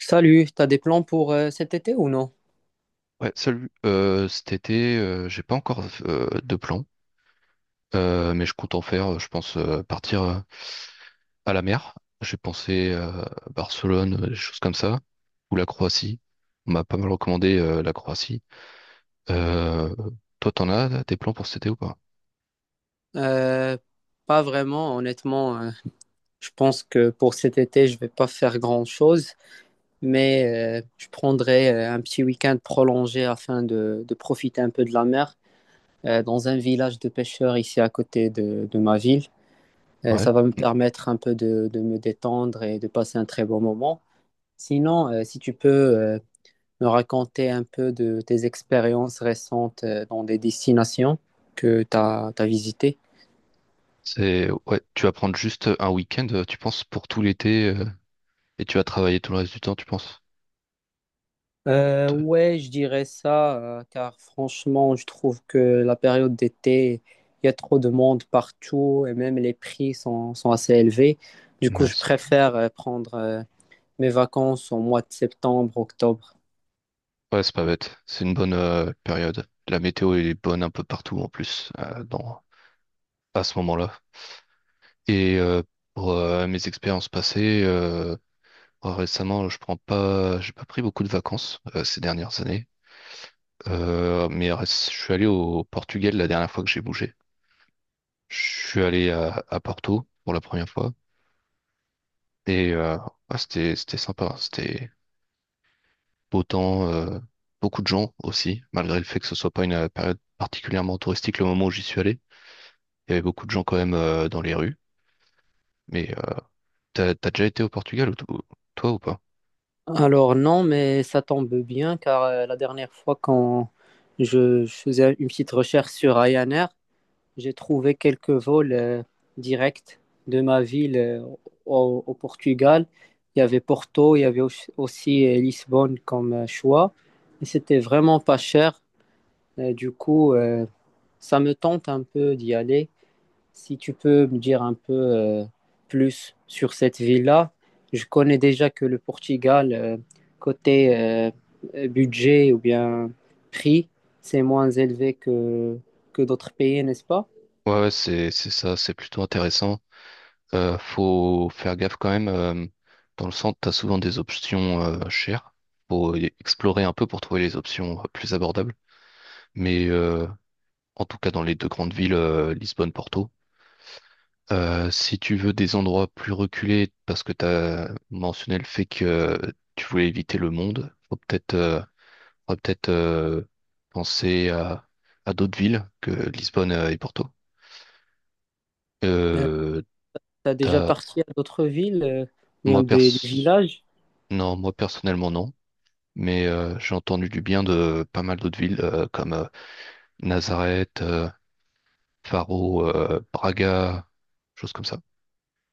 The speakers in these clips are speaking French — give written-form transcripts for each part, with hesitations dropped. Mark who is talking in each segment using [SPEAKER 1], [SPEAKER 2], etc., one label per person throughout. [SPEAKER 1] Salut, t'as des plans pour cet été ou non?
[SPEAKER 2] Ouais, salut. Cet été, j'ai pas encore de plan, mais je compte en faire. Je pense partir à la mer. J'ai pensé à Barcelone, des choses comme ça, ou la Croatie. On m'a pas mal recommandé la Croatie. Euh, Toi, t'en as là, des plans pour cet été ou pas?
[SPEAKER 1] Euh, Pas vraiment, honnêtement. Je pense que pour cet été, je vais pas faire grand-chose, mais je prendrai un petit week-end prolongé afin de profiter un peu de la mer dans un village de pêcheurs ici à côté de ma ville. Euh,
[SPEAKER 2] Ouais.
[SPEAKER 1] ça va me permettre un peu de me détendre et de passer un très bon moment. Sinon, si tu peux, euh, me raconter un peu de tes expériences récentes dans des destinations que tu as visitées.
[SPEAKER 2] C'est ouais. Tu vas prendre juste un week-end, tu penses, pour tout l'été, et tu vas travailler tout le reste du temps, tu penses?
[SPEAKER 1] Euh,
[SPEAKER 2] Te-
[SPEAKER 1] ouais, je dirais ça, car franchement, je trouve que la période d'été, il y a trop de monde partout et même les prix sont assez élevés. Du coup, je
[SPEAKER 2] Mince.
[SPEAKER 1] préfère prendre mes vacances au mois de septembre, octobre.
[SPEAKER 2] Ouais, c'est pas bête. C'est une bonne période. La météo est bonne un peu partout en plus, dans à ce moment-là. Et pour mes expériences passées, bah, récemment, je prends pas, j'ai pas pris beaucoup de vacances ces dernières années. Je suis allé au Portugal la dernière fois que j'ai bougé. Je suis allé à Porto pour la première fois et ouais, c'était sympa, hein. C'était beau temps, beaucoup de gens aussi, malgré le fait que ce soit pas une période particulièrement touristique. Le moment où j'y suis allé, il y avait beaucoup de gens quand même dans les rues, mais t'as déjà été au Portugal toi ou pas?
[SPEAKER 1] Alors non, mais ça tombe bien, car la dernière fois quand je faisais une petite recherche sur Ryanair, j'ai trouvé quelques vols directs de ma ville au Portugal. Il y avait Porto, il y avait aussi Lisbonne comme choix. Et c'était vraiment pas cher. Et du coup, ça me tente un peu d'y aller. Si tu peux me dire un peu plus sur cette ville-là, je connais déjà que le Portugal, côté budget ou bien prix, c'est moins élevé que d'autres pays, n'est-ce pas?
[SPEAKER 2] Ouais, ouais, c'est ça, c'est plutôt intéressant. Faut faire gaffe quand même. Dans le centre, t'as souvent des options chères. Explorer un peu pour trouver les options plus abordables. Mais en tout cas, dans les deux grandes villes, Lisbonne, Porto, si tu veux des endroits plus reculés, parce que tu as mentionné le fait que tu voulais éviter le monde, faut peut-être faudra peut-être penser à d'autres villes que Lisbonne et Porto.
[SPEAKER 1] Euh,
[SPEAKER 2] Euh,
[SPEAKER 1] T'as déjà
[SPEAKER 2] t'as,
[SPEAKER 1] parti à d'autres villes,
[SPEAKER 2] moi
[SPEAKER 1] même des
[SPEAKER 2] pers-
[SPEAKER 1] villages?
[SPEAKER 2] non, moi personnellement non, mais j'ai entendu du bien de pas mal d'autres villes comme Nazareth, Faro, Braga, choses comme ça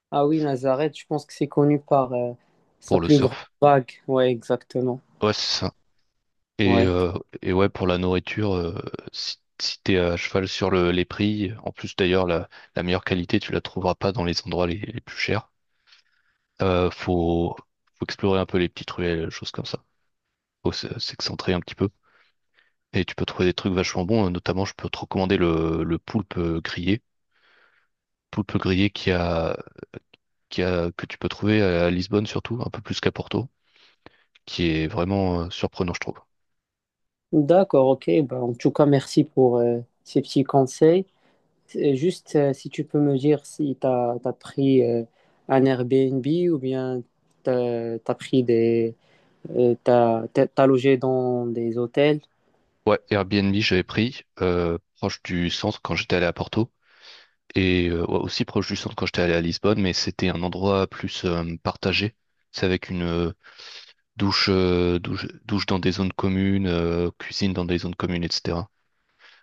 [SPEAKER 1] Ah oui, Nazareth, je pense que c'est connu par sa
[SPEAKER 2] pour le
[SPEAKER 1] plus grande
[SPEAKER 2] surf.
[SPEAKER 1] vague. Ouais, exactement.
[SPEAKER 2] Ouais, c'est ça. Et,
[SPEAKER 1] Ouais.
[SPEAKER 2] euh, et ouais, pour la nourriture, si t'es à cheval sur les prix, en plus d'ailleurs, la meilleure qualité, tu la trouveras pas dans les endroits les plus chers. Euh, faut, Faut explorer un peu les petites ruelles, choses comme ça. S'excentrer un petit peu. Et tu peux trouver des trucs vachement bons. Notamment, je peux te recommander le poulpe grillé. Poulpe grillé que tu peux trouver à Lisbonne surtout, un peu plus qu'à Porto, qui est vraiment surprenant, je trouve.
[SPEAKER 1] D'accord, ok. Bah, en tout cas, merci pour ces petits conseils. Et juste si tu peux me dire si tu as pris un Airbnb ou bien tu as pris t'as logé dans des hôtels.
[SPEAKER 2] Ouais, Airbnb, j'avais pris, proche du centre quand j'étais allé à Porto. Et ouais, aussi proche du centre quand j'étais allé à Lisbonne, mais c'était un endroit plus partagé. C'est avec une douche, douche dans des zones communes, cuisine dans des zones communes, etc.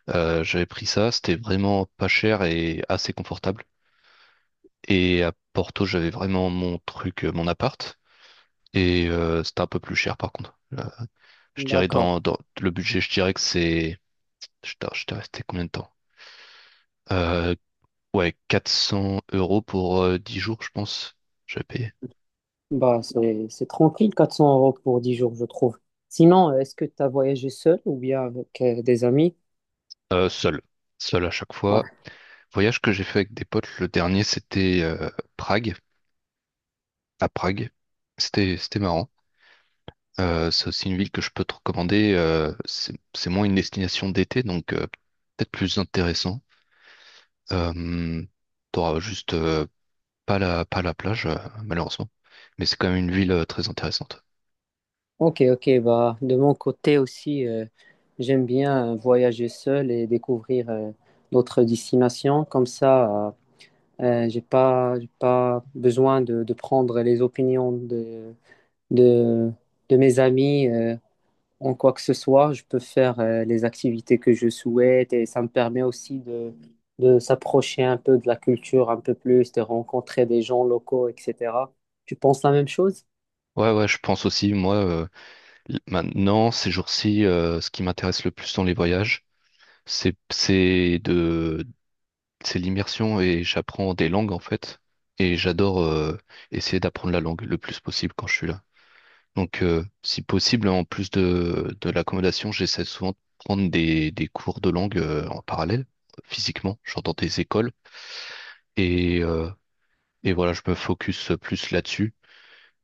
[SPEAKER 2] J'avais pris ça, c'était vraiment pas cher et assez confortable. Et à Porto, j'avais vraiment mon truc, mon appart, et c'était un peu plus cher par contre. Je dirais
[SPEAKER 1] D'accord.
[SPEAKER 2] dans le budget, je dirais que c'est... Je t'ai resté combien de temps? Euh, ouais, 400 euros pour 10 jours, je pense. J'avais payé.
[SPEAKER 1] Bah, c'est tranquille, 400 € pour 10 jours, je trouve. Sinon, est-ce que tu as voyagé seul ou bien avec des amis?
[SPEAKER 2] Seul. Seul à chaque
[SPEAKER 1] Ouais.
[SPEAKER 2] fois. Voyage que j'ai fait avec des potes, le dernier, c'était Prague, à Prague. C'était marrant. C'est aussi une ville que je peux te recommander. C'est moins une destination d'été, donc peut-être plus intéressant. Euh, T'auras juste pas la plage, malheureusement. Mais c'est quand même une ville très intéressante.
[SPEAKER 1] Ok, ok, bah, de mon côté aussi, j'aime bien voyager seul et découvrir d'autres destinations. Comme ça, j'ai pas besoin de prendre les opinions de, de mes amis en quoi que ce soit. Je peux faire les activités que je souhaite et ça me permet aussi de s'approcher un peu de la culture un peu plus, de rencontrer des gens locaux, etc. Tu penses la même chose?
[SPEAKER 2] Ouais, ouais, je pense aussi, moi, maintenant, ces jours-ci, ce qui m'intéresse le plus dans les voyages, c'est, c'est de c'est l'immersion et j'apprends des langues en fait. Et j'adore essayer d'apprendre la langue le plus possible quand je suis là. Donc, si possible, en plus de l'accommodation, j'essaie souvent de prendre des cours de langue en parallèle, physiquement, genre dans des écoles. Et, euh, et voilà, je me focus plus là-dessus.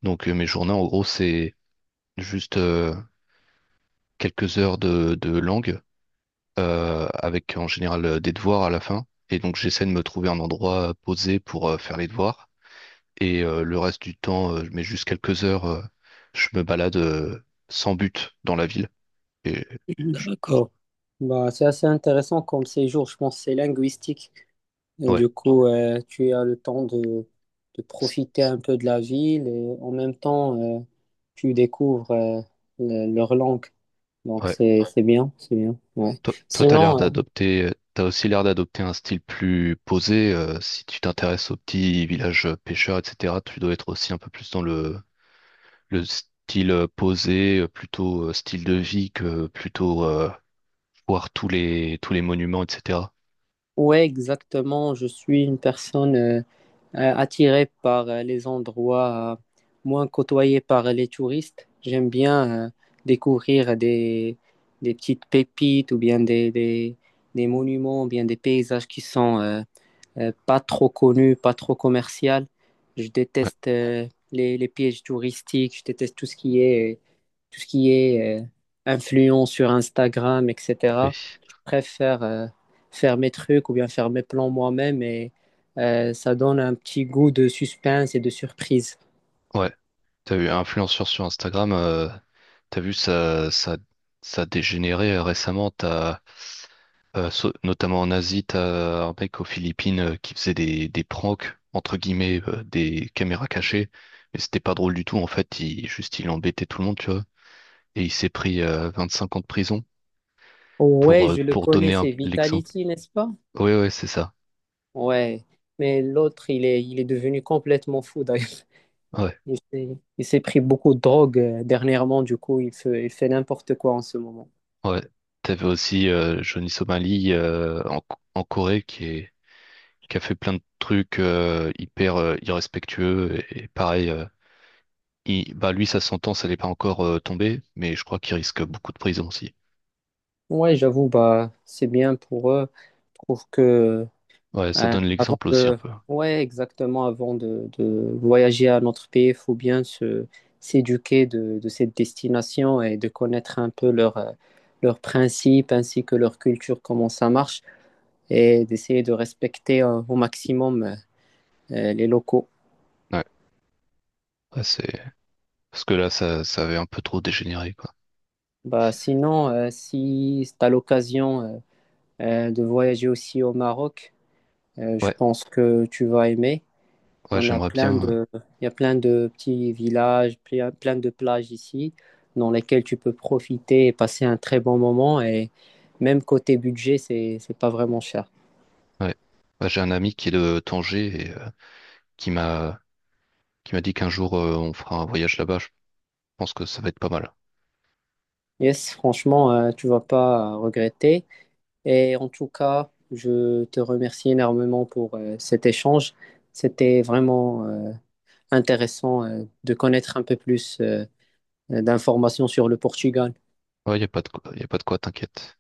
[SPEAKER 2] Donc, mes journées, en gros, c'est juste quelques heures de langue avec en général des devoirs à la fin. Et donc, j'essaie de me trouver un endroit posé pour faire les devoirs. Et le reste du temps, je mets juste quelques heures, je me balade sans but dans la ville. Et je-
[SPEAKER 1] D'accord. Bah, c'est assez intéressant comme séjour, je pense que c'est linguistique. Et
[SPEAKER 2] ouais,
[SPEAKER 1] du coup, tu as le temps de
[SPEAKER 2] c'est-
[SPEAKER 1] profiter un peu de la ville et en même temps, tu découvres leur langue. Donc,
[SPEAKER 2] ouais.
[SPEAKER 1] c'est bien, c'est bien. Ouais. Ouais.
[SPEAKER 2] Toi, t'as l'air
[SPEAKER 1] Sinon.
[SPEAKER 2] d'adopter, t'as aussi l'air d'adopter un style plus posé. Si tu t'intéresses aux petits villages pêcheurs, etc., tu dois être aussi un peu plus dans le style posé, plutôt style de vie que plutôt voir tous les monuments, etc.
[SPEAKER 1] Ouais, exactement. Je suis une personne attirée par les endroits moins côtoyés par les touristes. J'aime bien découvrir des petites pépites ou bien des monuments ou bien des paysages qui sont pas trop connu, pas trop commercial. Je
[SPEAKER 2] Ouais,
[SPEAKER 1] déteste les pièges touristiques, je déteste tout ce qui est influent sur Instagram, etc.
[SPEAKER 2] oui.
[SPEAKER 1] Je préfère faire mes trucs ou bien faire mes plans moi-même et ça donne un petit goût de suspense et de surprise.
[SPEAKER 2] Ouais. T'as vu, influenceur sur Instagram, t'as vu, ça a dégénéré récemment. Notamment en Asie, t'as un mec aux Philippines qui faisait des pranks, entre guillemets, des caméras cachées. Mais c'était pas drôle du tout, en fait. Il, juste, il embêtait tout le monde, tu vois. Et il s'est pris 25 ans de prison pour,
[SPEAKER 1] Ouais,
[SPEAKER 2] euh,
[SPEAKER 1] je le
[SPEAKER 2] pour
[SPEAKER 1] connais,
[SPEAKER 2] donner
[SPEAKER 1] c'est
[SPEAKER 2] l'exemple.
[SPEAKER 1] Vitality, n'est-ce pas?
[SPEAKER 2] Oui, ouais, ouais, c'est ça.
[SPEAKER 1] Ouais, mais l'autre, il est devenu complètement fou d'ailleurs.
[SPEAKER 2] Ouais,
[SPEAKER 1] Il s'est, il s'est pris beaucoup de drogue dernièrement, du coup, il fait n'importe quoi en ce moment.
[SPEAKER 2] ouais. T'avais aussi Johnny Somali en Corée qui a fait plein de trucs hyper irrespectueux. Et pareil, bah, lui, sa sentence, elle est pas encore tombée, mais je crois qu'il risque beaucoup de prison aussi.
[SPEAKER 1] Ouais, j'avoue, bah, c'est bien pour eux. Je trouve que
[SPEAKER 2] Ouais, ça donne
[SPEAKER 1] avant
[SPEAKER 2] l'exemple aussi un
[SPEAKER 1] de,
[SPEAKER 2] peu.
[SPEAKER 1] ouais, exactement, avant de voyager à notre pays, il faut bien s'éduquer de cette destination et de connaître un peu leurs principes ainsi que leur culture, comment ça marche, et d'essayer de respecter au maximum les locaux.
[SPEAKER 2] Ouais, ouais, c'est parce que là, ça avait un peu trop dégénéré, quoi.
[SPEAKER 1] Bah, sinon, si tu as l'occasion de voyager aussi au Maroc. Je
[SPEAKER 2] Ouais,
[SPEAKER 1] pense que tu vas aimer.
[SPEAKER 2] ouais,
[SPEAKER 1] On a
[SPEAKER 2] j'aimerais
[SPEAKER 1] plein
[SPEAKER 2] bien.
[SPEAKER 1] de, il y a plein de petits villages, plein de plages ici dans lesquelles tu peux profiter et passer un très bon moment. Et même côté budget, c'est pas vraiment cher.
[SPEAKER 2] Ouais, ouais, j'ai un ami qui est de Tanger et qui m'a qui m'a dit qu'un jour on fera un voyage là-bas. Je pense que ça va être pas mal.
[SPEAKER 1] Yes, franchement, tu vas pas regretter. Et en tout cas, je te remercie énormément pour cet échange. C'était vraiment intéressant de connaître un peu plus d'informations sur le Portugal.
[SPEAKER 2] Ouais, y a pas de quoi, y a pas de quoi, t'inquiète.